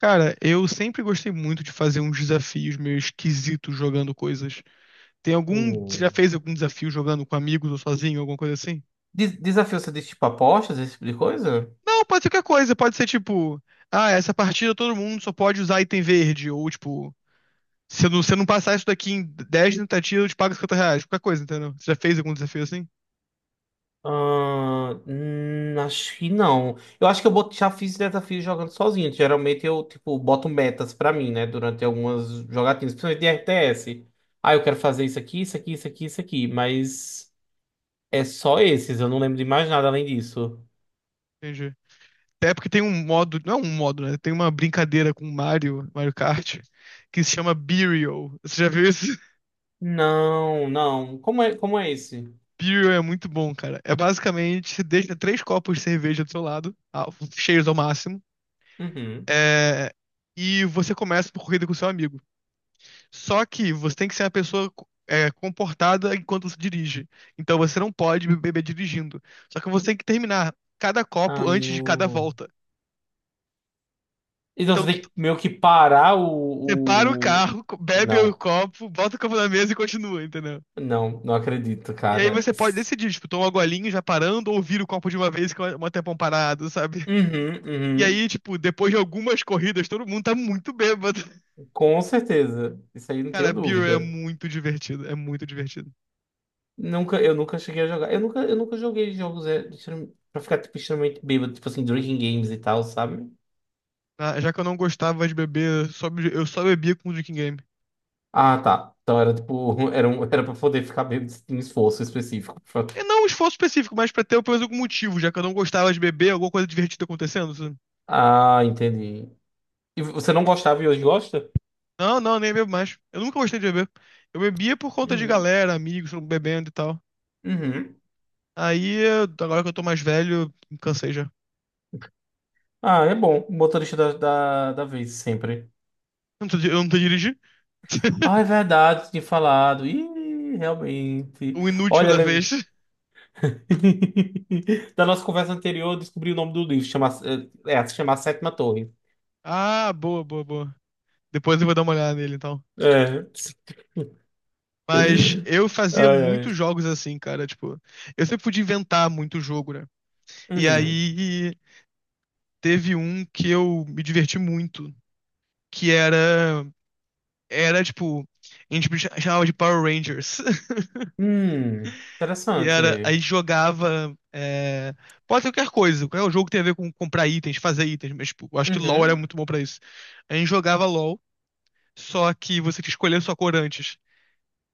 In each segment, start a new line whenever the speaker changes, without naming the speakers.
Cara, eu sempre gostei muito de fazer uns desafios meio esquisitos jogando coisas. Tem algum. Você já
Hum.
fez algum desafio jogando com amigos ou sozinho, alguma coisa assim?
Desafio, você diz tipo apostas, esse tipo de coisa?
Não, pode ser qualquer coisa. Pode ser tipo, ah, essa partida todo mundo só pode usar item verde. Ou tipo, se eu não passar isso daqui em 10 tentativas, eu te pago R$ 50. Qualquer coisa, entendeu? Você já fez algum desafio assim?
Ah, acho que não. Eu acho que já fiz desafio jogando sozinho. Geralmente eu, tipo, boto metas pra mim, né? Durante algumas jogatinas, principalmente de RTS. Ah, eu quero fazer isso aqui, isso aqui, isso aqui, isso aqui. Mas é só esses, eu não lembro de mais nada além disso.
Entendi. Até porque tem um modo. Não é um modo, né? Tem uma brincadeira com o Mario, Mario Kart, que se chama Burial. Você já viu isso?
Não, não. Como é esse?
Beer é muito bom, cara. É basicamente, você deixa três copos de cerveja do seu lado, ah, cheios ao máximo,
Uhum.
é, e você começa por corrida com seu amigo. Só que você tem que ser uma pessoa comportada enquanto você dirige. Então você não pode beber dirigindo. Só que você tem que terminar cada copo
Ah,
antes de cada
não.
volta.
Então você
Então
tem que meio que parar
você para o
o.
carro, bebe o
Não.
copo, bota o copo na mesa e continua, entendeu?
Não, não acredito,
E aí
cara.
você pode decidir, tipo, tomar uma golinha já parando ou vira o copo de uma vez que é um tempão parado, sabe?
Uhum,
E
uhum.
aí, tipo, depois de algumas corridas, todo mundo tá muito bêbado.
Com certeza. Isso aí não tenho
Cara, Beer é
dúvida.
muito divertido, é muito divertido.
Nunca, eu nunca cheguei a jogar. Eu nunca joguei jogos pra ficar tipo, extremamente bêbado, tipo assim, drinking games e tal, sabe?
Ah, já que eu não gostava de beber, eu só bebia com o Drinking Game.
Ah, tá. Então era tipo, era, um, era pra poder ficar bêbado em esforço específico.
E não um esforço específico, mas pra ter pelo menos algum motivo, já que eu não gostava de beber, alguma coisa divertida acontecendo, sabe?
Ah, entendi. E você não gostava e hoje gosta?
Não, não, nem bebo mais. Eu nunca gostei de beber. Eu bebia por conta de
Uhum.
galera, amigos, todo mundo bebendo e tal.
Uhum.
Aí, agora que eu tô mais velho, me cansei já. Eu
Ah, é bom. Motorista da, da, da vez, sempre.
não tô, eu não tô dirigindo.
Ah, é verdade, tinha falado. Ih, realmente.
O inútil
Olha,
da vez.
da nossa conversa anterior, eu descobri o nome do livro. Chama... é, é, se chama A Sétima Torre.
Ah, boa, boa, boa. Depois eu vou dar uma olhada nele, então.
É.
Mas eu fazia
Ai,
muitos
ai.
jogos assim, cara. Tipo, eu sempre podia inventar muito jogo, né? E
Uhum.
aí teve um que eu me diverti muito, que era tipo, a gente chamava de Power Rangers. Que era, a
Interessante.
gente jogava, pode ser qualquer coisa, qualquer jogo que tem a ver com comprar itens, fazer itens, mas tipo, eu acho que LoL era
Uhum.
muito bom pra isso. A gente jogava LoL, só que você tinha que escolher a sua cor antes.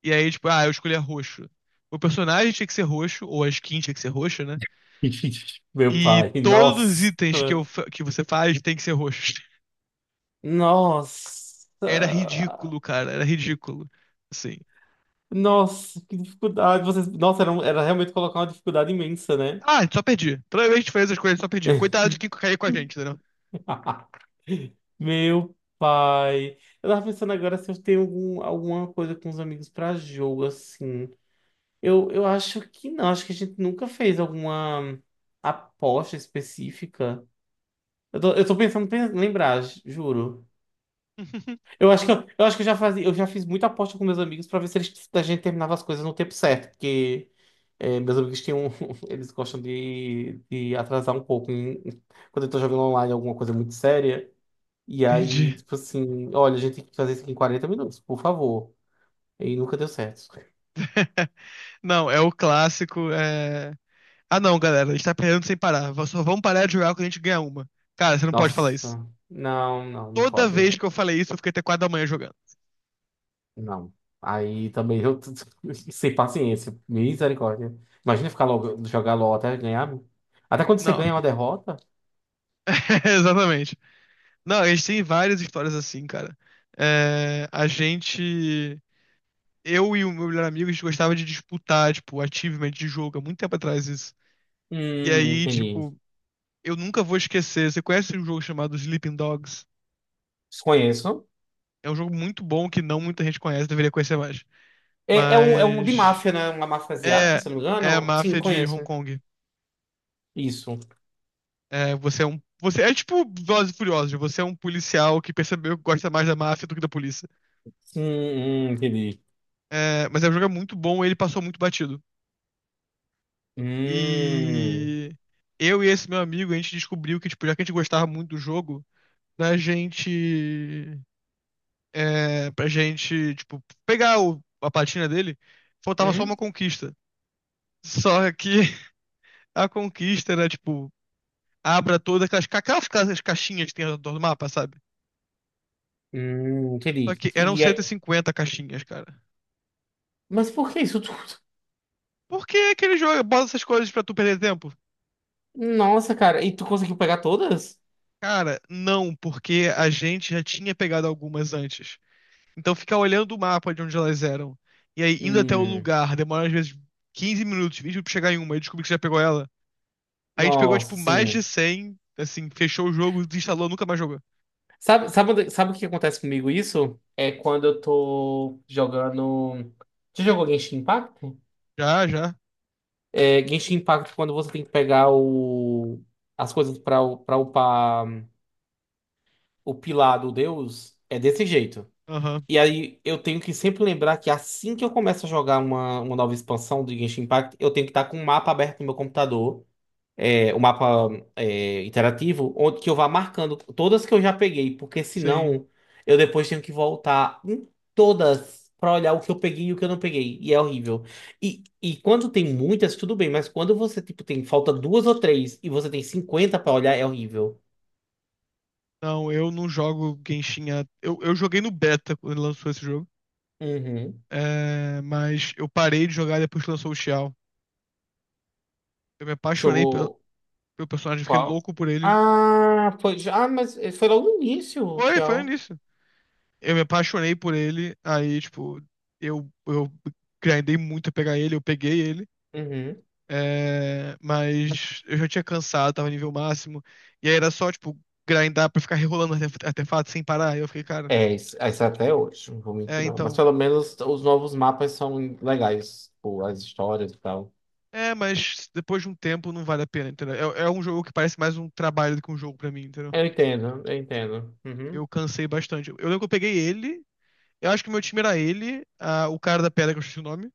E aí, tipo, ah, eu escolhi roxo. O personagem tinha que ser roxo, ou a skin tinha que ser roxa, né?
Meu
E
pai,
todos os
nossa.
itens que você faz tem que ser roxos. Era
Nossa.
ridículo, cara. Era ridículo. Assim.
Nossa, que dificuldade. Vocês... Nossa, era realmente colocar uma dificuldade imensa, né?
Ah, só perdi. Toda vez que a gente fez as coisas, só perdi. Coitado de quem cair com a gente, entendeu?
Meu pai. Eu tava pensando agora se eu tenho algum, alguma coisa com os amigos pra jogo, assim. Eu acho que não. Acho que a gente nunca fez alguma aposta específica. Eu tô pensando em lembrar, juro. Eu acho que eu acho que eu já fazia, eu já fiz muita aposta com meus amigos pra ver se eles, a gente terminava as coisas no tempo certo, porque é, meus amigos têm um, eles gostam de atrasar um pouco em- quando eu tô jogando online alguma coisa muito séria. E aí,
Entendi.
tipo assim, olha, a gente tem que fazer isso aqui em 40 minutos, por favor. E nunca deu certo.
Não, é o clássico. Ah, não, galera, a gente tá perdendo sem parar. Só vamos parar de jogar quando a gente ganhar uma. Cara, você não pode falar isso.
Nossa, não, não, não
Toda
pode.
vez que eu falei isso, eu fiquei até 4 da manhã jogando.
Não. Aí também eu tô sem paciência, misericórdia. Imagina ficar logo, jogar LOL até ganhar. Até quando você
Não,
ganha uma derrota.
exatamente. Não, a gente tem várias histórias assim, cara. É, A gente. Eu e o meu melhor amigo, a gente gostava de disputar, tipo, achievement de jogo, há muito tempo atrás isso. E aí,
Entendi.
tipo, eu nunca vou esquecer. Você conhece um jogo chamado Sleeping Dogs?
Desconheço.
É um jogo muito bom que não muita gente conhece, deveria conhecer mais.
É um de
Mas
máfia, né? Uma máfia asiática,
é
se eu não me
é a
engano. Sim,
máfia de
conheço.
Hong Kong.
Isso.
É, você é tipo Velozes e Furiosos, você é um policial que percebeu que gosta mais da máfia do que da polícia.
Entendi.
É, mas é um jogo muito bom, ele passou muito batido.
Hum,
E eu e esse meu amigo, a gente descobriu que tipo, já que a gente gostava muito do jogo, pra gente. pra gente, tipo, pegar a platina dele, faltava só uma
hum,
conquista. Só que a conquista era, tipo, abra todas as caixinhas que tem ao redor do mapa, sabe? Só
entendi.
que eram cento e
E,
cinquenta caixinhas, cara.
mas por que isso tudo?
Por que aquele jogo bota essas coisas pra tu perder tempo?
Nossa, cara. E tu conseguiu pegar todas?
Cara, não, porque a gente já tinha pegado algumas antes. Então ficar olhando o mapa de onde elas eram. E aí, indo até o
Hum,
lugar, demora às vezes 15 minutos, 20 minutos pra chegar em uma e descobrir que você já pegou ela. A gente pegou,
nossa,
tipo, mais de
sim.
100 assim, fechou o jogo, desinstalou, nunca mais jogou.
Sabe, sabe, onde- sabe o que acontece comigo isso? É quando eu tô jogando. Você jogou Genshin Impact?
Já, já.
É, Genshin Impact, quando você tem que pegar o... as coisas pra, pra upar o pilar do deus, é desse jeito.
Aham,
E aí eu tenho que sempre lembrar que assim que eu começo a jogar uma nova expansão de Genshin Impact, eu tenho que estar com o mapa aberto no meu computador é, o mapa é, interativo, onde que eu vá marcando todas que eu já peguei, porque
sim.
senão eu depois tenho que voltar em todas para olhar o que eu peguei e o que eu não peguei. E é horrível. E quando tem muitas, tudo bem, mas quando você tipo tem falta duas ou três e você tem 50 para olhar, é horrível.
Não, eu não jogo Genshin. Eu joguei no beta quando lançou esse jogo.
Uhum.
É, mas eu parei de jogar depois que lançou o Xiao. Eu me apaixonei pelo,
Jogou
pelo personagem, fiquei
qual?
louco por ele.
Ah, foi já, mas foi logo no início,
Foi
Shell.
nisso. Eu me apaixonei por ele, aí, tipo, eu grindei muito a pegar ele, eu peguei ele. É, mas eu já tinha cansado, tava nível máximo. E aí era só, tipo, grindar pra ficar rerolando artefato sem parar. Aí eu fiquei, cara,
É isso até hoje, não vou
é,
mentir, não. Mas
então.
pelo menos os novos mapas são legais, tipo, as histórias e tal.
É, mas depois de um tempo não vale a pena, entendeu? É um jogo que parece mais um trabalho do que um jogo pra mim, entendeu?
Eu entendo, eu entendo. Uhum.
Eu cansei bastante. Eu lembro que eu peguei ele, eu acho que meu time era ele, o cara da pedra que eu esqueci o nome.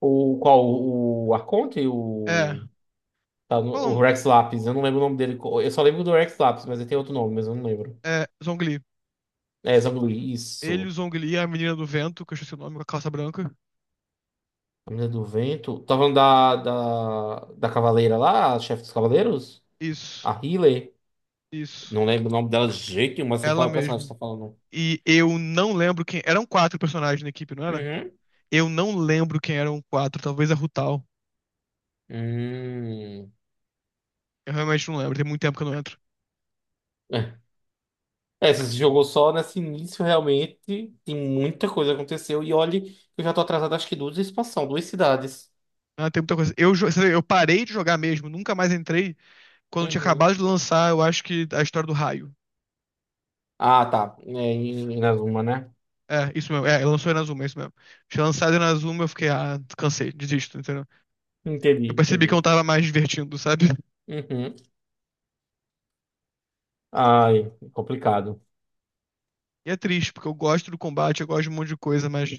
O qual? O Arconte?
É,
O, tá no-
qual o
o
nome?
Rex Lapis, eu não lembro o nome dele. Eu só lembro do Rex Lapis, mas ele tem outro nome, mas eu não lembro.
É, Zhongli.
É, Zanguli,
Ele, o
isso.
Zhongli, a menina do vento, que eu esqueci o nome, com a calça branca.
A Menina do Vento. Tá falando da Cavaleira lá, a chefe dos Cavaleiros?
Isso,
A Healer.
isso.
Não lembro o nome dela de jeito nenhum, mas sei
Ela
qual é o personagem
mesmo.
que você tá falando.
E eu não lembro quem. Eram quatro personagens na equipe, não era?
Uhum.
Eu não lembro quem eram quatro, talvez a Rutal.
Hum.
Eu realmente não lembro, tem muito tempo que eu não entro.
É, se esse jogo só nesse início, realmente, tem muita coisa que aconteceu. E olhe, eu já tô atrasado, acho que duas expansões, duas cidades.
Ah, tem muita coisa. Eu, jo- você eu parei de jogar mesmo, nunca mais entrei. Quando tinha
Uhum.
acabado de lançar, eu acho que a história do raio.
Ah, tá. É, em Inazuma, né?
É, isso mesmo. É, lançou Inazuma, é isso mesmo. Tinha lançado Inazuma, eu fiquei, ah, cansei, desisto, entendeu?
Entendi,
Eu percebi que eu
entendi.
não tava mais divertindo, sabe?
Uhum. Ai, complicado.
E é triste, porque eu gosto do combate, eu gosto de um monte de coisa, mas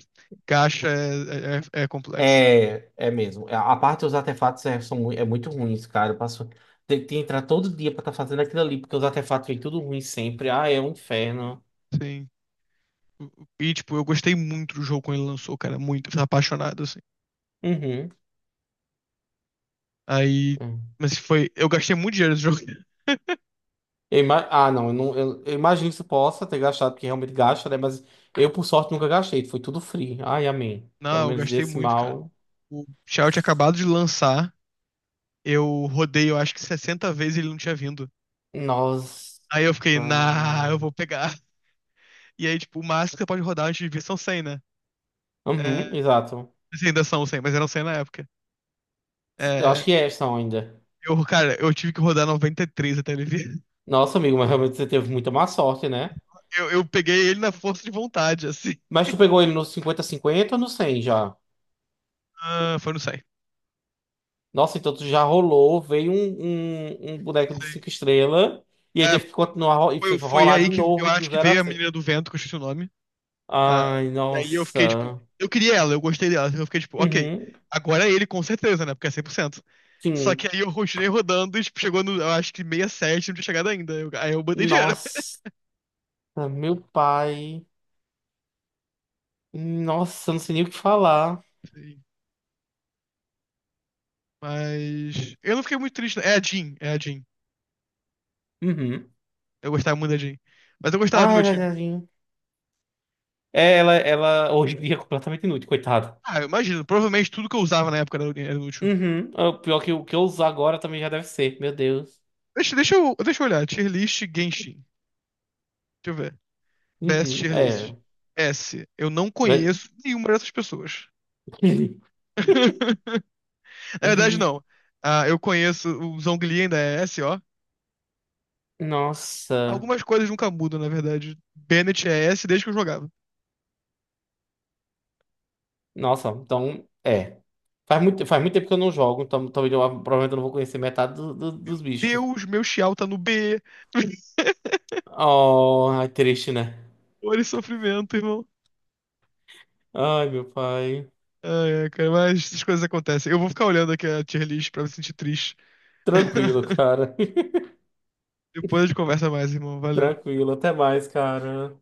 gacha é complexo.
É, é mesmo. A parte dos artefatos é, são, mui- é muito ruins, cara. Eu passo, tem tem que entrar todo dia pra estar fazendo aquilo ali, porque os artefatos vêm tudo ruim sempre. Ah, é um inferno.
Sim. E, tipo, eu gostei muito do jogo quando ele lançou, cara. Muito. Eu tava apaixonado, assim.
Uhum.
Aí.
Uhum.
Mas foi. Eu gastei muito dinheiro nesse jogo.
Ah, não, eu imagino que você possa ter gastado, porque realmente gasta, né? Mas eu, por sorte, nunca gastei. Foi tudo free. Ai, amém. Pelo
Não, eu
menos
gastei
desse
muito, cara.
mal.
O Shout tinha acabado de lançar. Eu rodei, eu acho que 60 vezes e ele não tinha vindo.
Nossa.
Aí eu fiquei, nah, eu vou pegar. E aí, tipo, o máximo que você pode rodar antes de vir são 100, né?
Uhum,
É,
exato.
assim, ainda são 100, mas eram 100 na época.
Eu acho
É,
que é essa ainda.
cara, eu tive que rodar 93 até ele vir.
Nossa, amigo, mas realmente você teve muita má sorte, né?
Eu peguei ele na força de vontade, assim.
Mas tu pegou ele no 50 50 ou no 100 já?
Ah, foi no 100.
Nossa, então tu já rolou, veio um boneco de
Sei.
5 estrelas e aí
É,
teve que continuar e foi
foi
rolar
aí
de
que eu
novo do
acho que
zero
veio
a
a
cem
menina do vento, que eu esqueci o nome. Ah,
Ai,
e aí eu fiquei, tipo,
nossa.
eu queria ela, eu gostei dela. Eu fiquei, tipo, ok,
Uhum,
agora é ele com certeza, né? Porque é 100%. Só
sim.
que aí eu continuei rodando e, tipo, chegou no, eu acho que 67, não tinha chegado ainda. Aí eu botei dinheiro.
Nossa, meu pai. Nossa, eu não sei nem o que falar.
Sim. Mas eu não fiquei muito triste, não. É a Jean, é a Jean.
Uhum.
Eu gostava muito da Jean. Mas eu gostava do
Ah, é
meu time.
verdade. É, ela hoje em dia é completamente inútil, coitado.
Ah, eu imagino, provavelmente tudo que eu usava na época era útil.
Uhum. É. O pior que o que eu usar agora também já deve ser, meu Deus.
Deixa eu olhar, tier list Genshin. Deixa eu ver. Best
Uhum.
Tier List.
É.
S. Eu não
Vai-
conheço nenhuma dessas pessoas. Na verdade, não. Ah, eu conheço o Zhongli ainda é S, ó.
Nossa.
Algumas coisas nunca mudam, na verdade. Bennett é S desde que eu jogava.
Nossa, então, é. Faz muito tempo que eu não jogo, então talvez eu, provavelmente eu não vou conhecer metade dos bichos.
Deus, meu Xiao tá no B.
Oh, é triste, né?
Dor e sofrimento, irmão.
Ai, meu pai.
Ai, ai, cara, mas essas coisas acontecem. Eu vou ficar olhando aqui a tier list pra me sentir triste.
Tranquilo, cara.
Depois a gente conversa mais, irmão. Valeu.
Tranquilo, até mais, cara.